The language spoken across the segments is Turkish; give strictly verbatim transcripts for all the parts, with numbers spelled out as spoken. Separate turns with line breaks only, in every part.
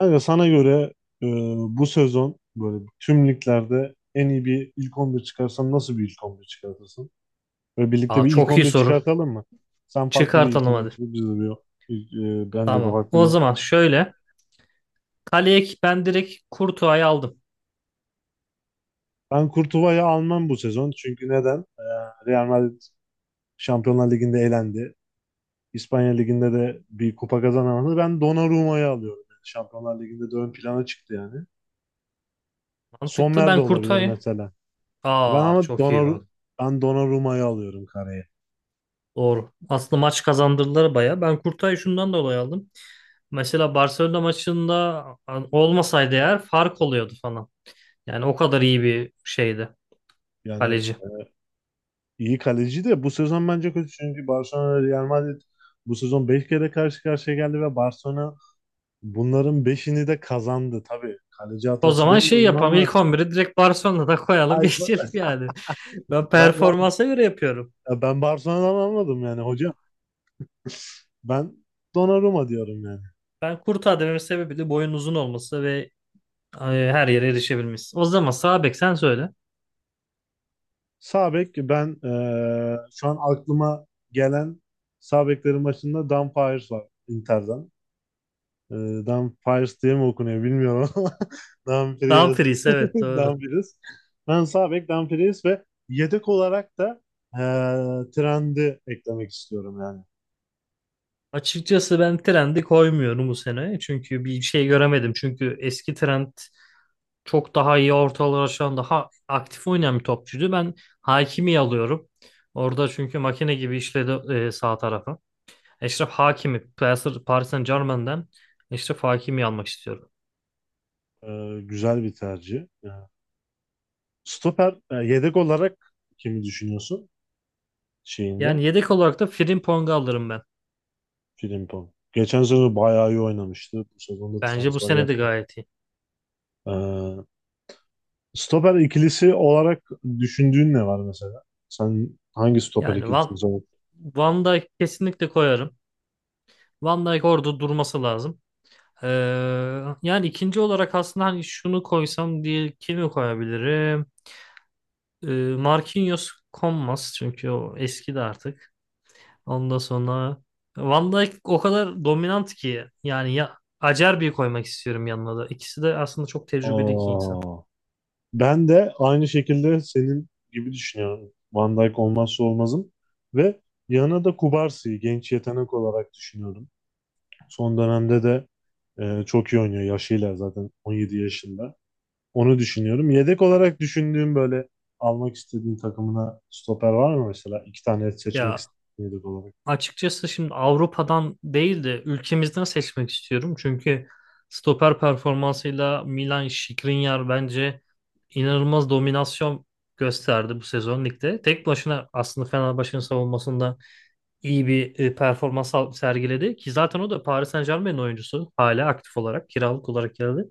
Kanka sana göre e, bu sezon böyle tüm liglerde en iyi bir ilk on bir çıkarsan nasıl bir ilk on bir çıkartırsın? Böyle birlikte
Aa,
bir ilk
çok iyi
on bir
soru.
çıkartalım mı? Sen farklı bir ilk
Çıkartalım
on bir
hadi.
çıkart, biz de bir, ilk- e, ben de bir
Tamam.
farklı
O
bir.
zaman şöyle. Kaleye ben direkt Kurtuğa'yı aldım.
Ben Kurtuva'yı almam bu sezon. Çünkü neden? E, Real Madrid Şampiyonlar Ligi'nde elendi. İspanya Ligi'nde de bir kupa kazanamadı. Ben Donnarumma'yı alıyorum. Yani Şampiyonlar Ligi'nde de ön plana çıktı yani.
Mantıklı.
Sommer de
Ben
olabilir
Kurtuğa'yı.
mesela. Ben
Aa
ama
çok iyi
Donnarumma
ben.
ben Donnarumma'yı alıyorum kareye.
Doğru. Aslında maç kazandırdılar baya. Ben Kurtuğa'yı şundan dolayı aldım. Mesela Barcelona maçında olmasaydı eğer fark oluyordu falan. Yani o kadar iyi bir şeydi
Yani
kaleci.
iyi kaleci de bu sezon bence kötü. Çünkü Barcelona Real Madrid bu sezon beş kere karşı karşıya geldi ve Barcelona bunların beşini de kazandı. Tabii kaleci
O
hatası
zaman şey
demiyorum
yapalım.
ama
İlk on biri direkt Barcelona'da koyalım.
Hayır, ben,
Geçelim yani. Ben
ben Bar-
performansa göre yapıyorum.
ben Barcelona'dan anladım yani hocam. Ben Donnarumma diyorum yani.
Ben Kurtuğa dememin sebebi de boyun uzun olması ve Ay, her yere erişebilmiş. O zaman sağ bek sen söyle.
Sağ bek ben eee, şu an aklıma gelen sağ beklerin başında Dan Paers var Inter'den. Ee, Dumfries diye mi okunuyor bilmiyorum ama Dumfries.
Dumfries evet doğru.
Dumfries. Ben sağ bek Dumfries ve yedek olarak da eee Trent'i eklemek istiyorum yani.
Açıkçası ben Trent'i koymuyorum bu sene. Çünkü bir şey göremedim. Çünkü eski Trent çok daha iyi ortalar aşan daha aktif oynayan bir topçuydu. Ben Hakimi alıyorum. Orada çünkü makine gibi işledi e, sağ tarafı. Eşref Hakimi, Paris Paris Saint-Germain'den Eşref Hakimi almak istiyorum.
Ee, güzel bir tercih. Ee, Stoper e, yedek olarak kimi düşünüyorsun şeyinde?
Yani yedek olarak da Frimpong'u alırım ben.
Frimpong. Geçen sezon bayağı iyi oynamıştı. Bu sezonda
Bence bu
transfer
sene de
yapacak.
gayet iyi.
Ee, Stoper ikilisi olarak düşündüğün ne var mesela? Sen hangi stoper
Yani
ikilisini
Van,
savun?
Van Dijk kesinlikle koyarım. Van Dijk orada durması lazım. Ee, yani ikinci olarak aslında hani şunu koysam diye kimi koyabilirim? Ee, Marquinhos konmaz çünkü o eski de artık. Ondan sonra Van Dijk o kadar dominant ki yani ya Acerbi'yi koymak istiyorum yanına da. İkisi de aslında çok tecrübeli iki
Aa.
insan.
Ben de aynı şekilde senin gibi düşünüyorum. Van Dijk olmazsa olmazım. Ve yanına da Kubarsi'yi genç yetenek olarak düşünüyorum. Son dönemde de e, çok iyi oynuyor yaşıyla zaten on yedi yaşında. Onu düşünüyorum. Yedek olarak düşündüğüm böyle almak istediğin takımına stoper var mı mesela? İki tane seçmek
Ya,
istediğin yedek olarak.
açıkçası şimdi Avrupa'dan değil de ülkemizden seçmek istiyorum. Çünkü stoper performansıyla Milan Skriniar bence inanılmaz dominasyon gösterdi bu sezon ligde. Tek başına aslında Fenerbahçe'nin savunmasında iyi bir e, performans al- sergiledi ki zaten o da Paris Saint-Germain'in oyuncusu hala aktif olarak kiralık olarak geldi.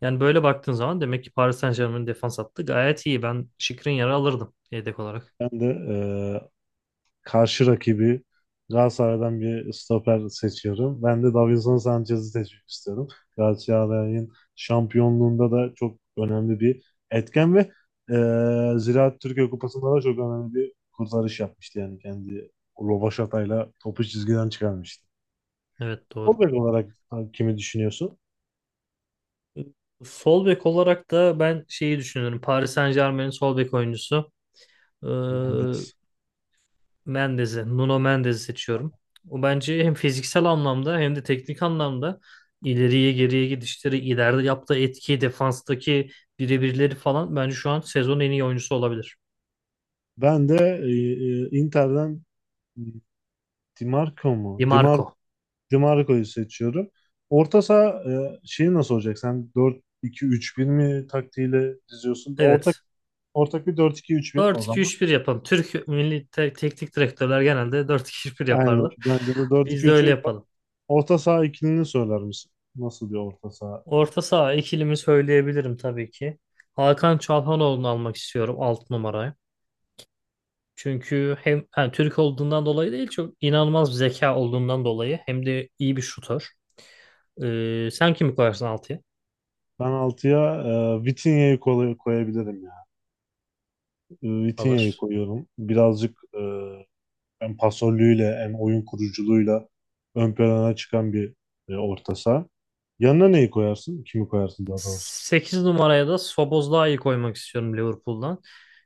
Yani böyle baktığın zaman demek ki Paris Saint-Germain'in defans hattı gayet iyi. Ben Skriniar'ı alırdım yedek olarak.
Ben de e, Karşı rakibi Galatasaray'dan bir stoper seçiyorum. Ben de Davinson Sanchez'i seçmek istiyorum. Galatasaray'ın şampiyonluğunda da çok önemli bir etken ve e, Ziraat Türkiye Kupası'nda da çok önemli bir kurtarış yapmıştı yani kendi rovaşatayla topu çizgiden çıkarmıştı.
Evet,
O
doğru.
bek olarak kimi düşünüyorsun?
Sol bek olarak da ben şeyi düşünüyorum. Paris Saint-Germain'in sol bek oyuncusu e,
Mendes.
Mendes'i, Nuno Mendes'i seçiyorum. O bence hem fiziksel anlamda hem de teknik anlamda ileriye geriye gidişleri, ileride yaptığı etki, defanstaki birebirleri falan bence şu an sezonun en iyi oyuncusu olabilir.
Ben de e, e, Inter'den Di Marco
Di
mu? Di Mar-
Marco.
Dimarco'yu seçiyorum. Orta saha e, şeyi nasıl olacak? Sen dört iki-üç bir mi taktiğiyle diziyorsun? Ortak
Evet.
ortak bir dört iki-üç bir o
Dört iki
zaman.
üç bir yapalım. Türk milli te- teknik direktörler genelde dört iki üç bir
Aynen.
yaparlar.
Bence de
Biz de
dört iki-üç bir
öyle
yapalım.
yapalım.
Orta saha ikilini söyler misin? Nasıl bir orta saha?
Orta saha ikilimi söyleyebilirim tabii ki. Hakan Çalhanoğlu'nu almak istiyorum alt numaraya. Çünkü hem yani Türk olduğundan dolayı değil çok inanılmaz bir zeka olduğundan dolayı hem de iyi bir şutör. Ee, sen kimi koyarsın altıya?
Ben altıya e, Vitinha'yı koy- koyabilirim ya. E, Vitinha'yı
Alır.
koyuyorum. Birazcık e, hem pasörlüğüyle hem oyun kuruculuğuyla ön plana çıkan bir e, orta saha. Yanına neyi koyarsın? Kimi koyarsın daha doğrusu?
sekiz numaraya da Szoboszlai'yi koymak istiyorum Liverpool'dan.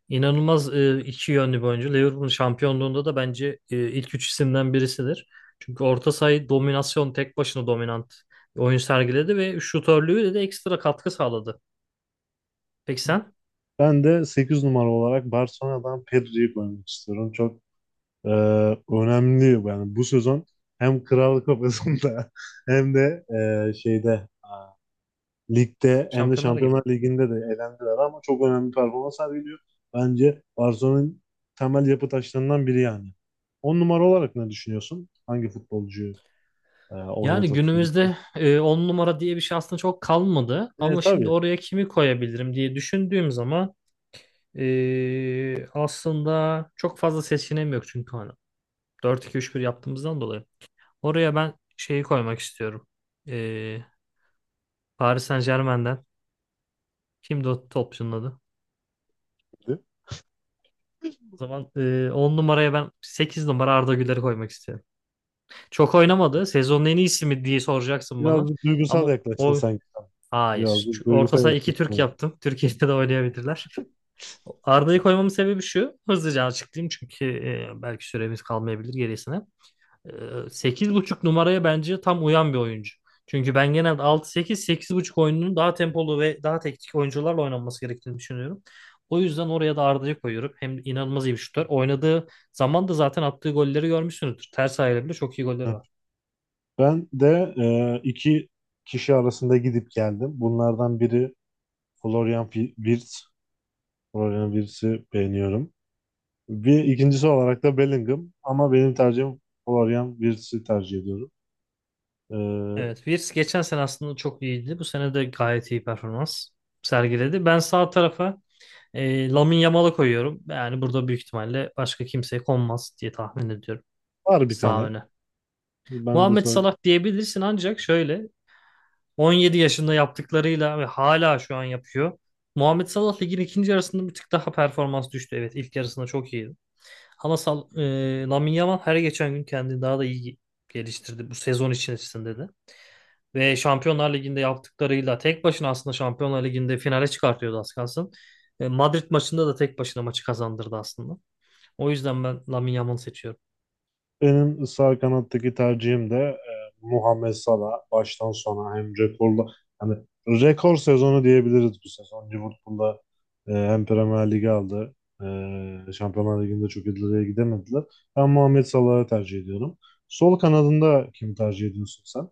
İnanılmaz e, iki yönlü bir oyuncu. Liverpool'un şampiyonluğunda da bence e, ilk üç isimden birisidir. Çünkü orta sayı dominasyon tek başına dominant oyun sergiledi ve şutörlüğüyle de ekstra katkı sağladı. Peki sen?
Ben de sekiz numara olarak Barcelona'dan Pedri'yi koymak istiyorum. Çok e, önemli yani bu sezon hem Kral Kupası'nda hem de e, şeyde ligde hem de
Şampiyonlar gibi.
Şampiyonlar Ligi'nde de elendiler ama çok önemli performans sergiliyor. Bence Barcelona'nın temel yapı taşlarından biri yani. on numara olarak ne düşünüyorsun? Hangi futbolcuyu e,
Yani
oynatırsın?
günümüzde on numara diye bir şey aslında çok kalmadı.
E,
Ama şimdi
tabii.
oraya kimi koyabilirim diye düşündüğüm zaman e, aslında çok fazla seçeneğim yok çünkü hani dört iki-üç bir yaptığımızdan dolayı. Oraya ben şeyi koymak istiyorum. Ee, Paris Saint-Germain'den. Kimdi o topçunun adı? O zaman e, on numaraya ben sekiz numara Arda Güler'i koymak istiyorum. Çok oynamadı. Sezonun en iyisi mi diye soracaksın bana.
Birazcık
Ama
duygusal yaklaştın
o
sanki.
hayır.
Birazcık
Çünkü orta
duygusal
saha iki Türk
yaklaştın.
yaptım. Türkiye'de de oynayabilirler. Arda'yı koymamın sebebi şu. Hızlıca açıklayayım çünkü e, belki süremiz kalmayabilir gerisine. Ee, sekiz buçuk numaraya bence tam uyan bir oyuncu. Çünkü ben genelde altı sekiz, sekiz buçuk oyununun daha tempolu ve daha teknik oyuncularla oynanması gerektiğini düşünüyorum. O yüzden oraya da Arda'yı koyuyorum. Hem inanılmaz iyi bir şutör. Oynadığı zaman da zaten attığı golleri görmüşsünüzdür. Ters ayağıyla bile çok iyi golleri var.
Ben de e, iki kişi arasında gidip geldim. Bunlardan biri Florian Fi- Wirtz. Florian Wirtz'i beğeniyorum. Bir ikincisi olarak da Bellingham ama benim tercihim Florian Wirtz'i tercih ediyorum. E,
Evet, Wirtz geçen sene aslında çok iyiydi. Bu sene de gayet iyi performans sergiledi. Ben sağ tarafa e, Lamine Yamal'ı koyuyorum. Yani burada büyük ihtimalle başka kimseye konmaz diye tahmin ediyorum
Var bir
sağ
tane.
öne.
Ben de
Muhammed Salah diyebilirsin ancak şöyle on yedi yaşında yaptıklarıyla ve hala şu an yapıyor. Muhammed Salah ligin ikinci yarısında bir tık daha performans düştü. Evet, ilk yarısında çok iyiydi. Ama Sal e, Lamine Yamal her geçen gün kendini daha da iyi geliştirdi bu sezon içerisinde de. Ve Şampiyonlar Ligi'nde yaptıklarıyla tek başına aslında Şampiyonlar Ligi'nde finale çıkartıyordu az kalsın. E, Madrid maçında da tek başına maçı kazandırdı aslında. O yüzden ben Lamine Yamal'ı seçiyorum.
Benim sağ kanattaki tercihim de e, Muhammed Salah baştan sona hem rekorla hani rekor sezonu diyebiliriz bu sezon. Liverpool'da e, hem Premier Lig'i aldı. E, Şampiyonlar Ligi'nde çok ileriye gidemediler. Ben Muhammed Salah'ı tercih ediyorum. Sol kanadında kim tercih ediyorsun sen?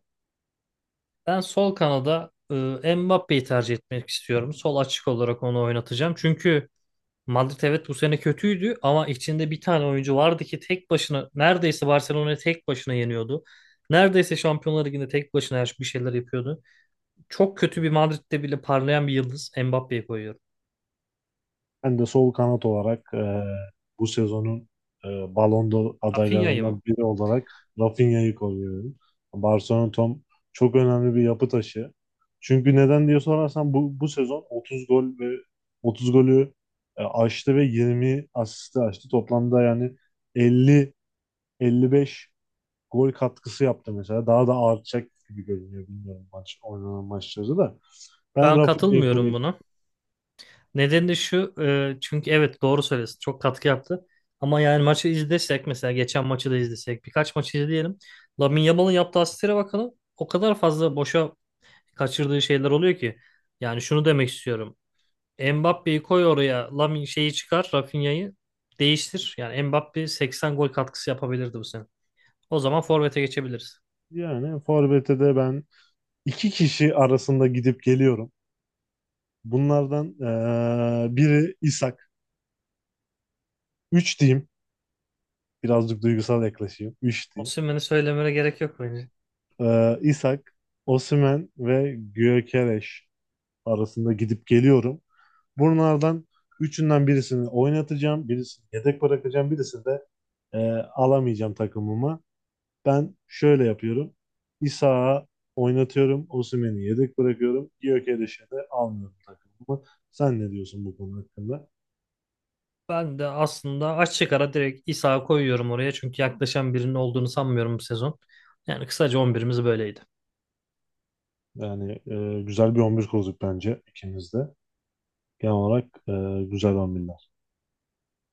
Ben sol kanada e, Mbappé'yi tercih etmek istiyorum. Sol açık olarak onu oynatacağım. Çünkü Madrid evet bu sene kötüydü ama içinde bir tane oyuncu vardı ki tek başına neredeyse Barcelona'yı tek başına yeniyordu. Neredeyse Şampiyonlar Ligi'nde tek başına her bir şeyler yapıyordu. Çok kötü bir Madrid'de bile parlayan bir yıldız Mbappe'yi koyuyorum.
Ben de sol kanat olarak e, bu sezonun e, Ballon d'Or
Rafinha'yı mı?
adaylarından biri olarak Rafinha'yı koruyorum. Barcelona Tom çok önemli bir yapı taşı. Çünkü neden diye sorarsan bu, bu sezon otuz gol ve otuz golü e, aştı ve yirmi asisti aştı. Toplamda yani elli elli beş gol katkısı yaptı mesela. Daha da artacak gibi görünüyor bilmiyorum maç oynanan maçları da. Ben
Ben
Rafinha'yı
katılmıyorum
koruyorum.
buna. Nedeni de şu e, çünkü evet doğru söylüyorsun çok katkı yaptı. Ama yani maçı izlesek mesela geçen maçı da izlesek birkaç maçı izleyelim. Lamine Yamal'ın yaptığı asistlere bakalım. O kadar fazla boşa kaçırdığı şeyler oluyor ki. Yani şunu demek istiyorum. Mbappe'yi koy oraya Lamine şeyi çıkar Rafinha'yı değiştir. Yani Mbappe seksen gol katkısı yapabilirdi bu sene. O zaman forvete geçebiliriz.
Yani Forvet'e de ben İki kişi arasında gidip geliyorum. Bunlardan eee, biri İshak. Üç diyeyim. Birazcık duygusal yaklaşayım. Üç diyeyim.
Osimhen'i söylemene gerek yok bence.
Eee İshak, Osimhen ve Gyökeres arasında gidip geliyorum. Bunlardan üçünden birisini oynatacağım. Birisini yedek bırakacağım. Birisini de eee, alamayacağım takımıma. Ben şöyle yapıyorum. İshak'ı oynatıyorum. Osimhen'i yedek bırakıyorum. Gyökeres'i de almıyorum takımıma. Sen ne diyorsun bu konu hakkında?
Ben de aslında açık ara direkt İsa koyuyorum oraya. Çünkü yaklaşan birinin olduğunu sanmıyorum bu sezon. Yani kısaca on birimiz böyleydi.
Yani e, güzel bir on bir kurduk bence ikimiz de. Genel olarak e, güzel bir on birler.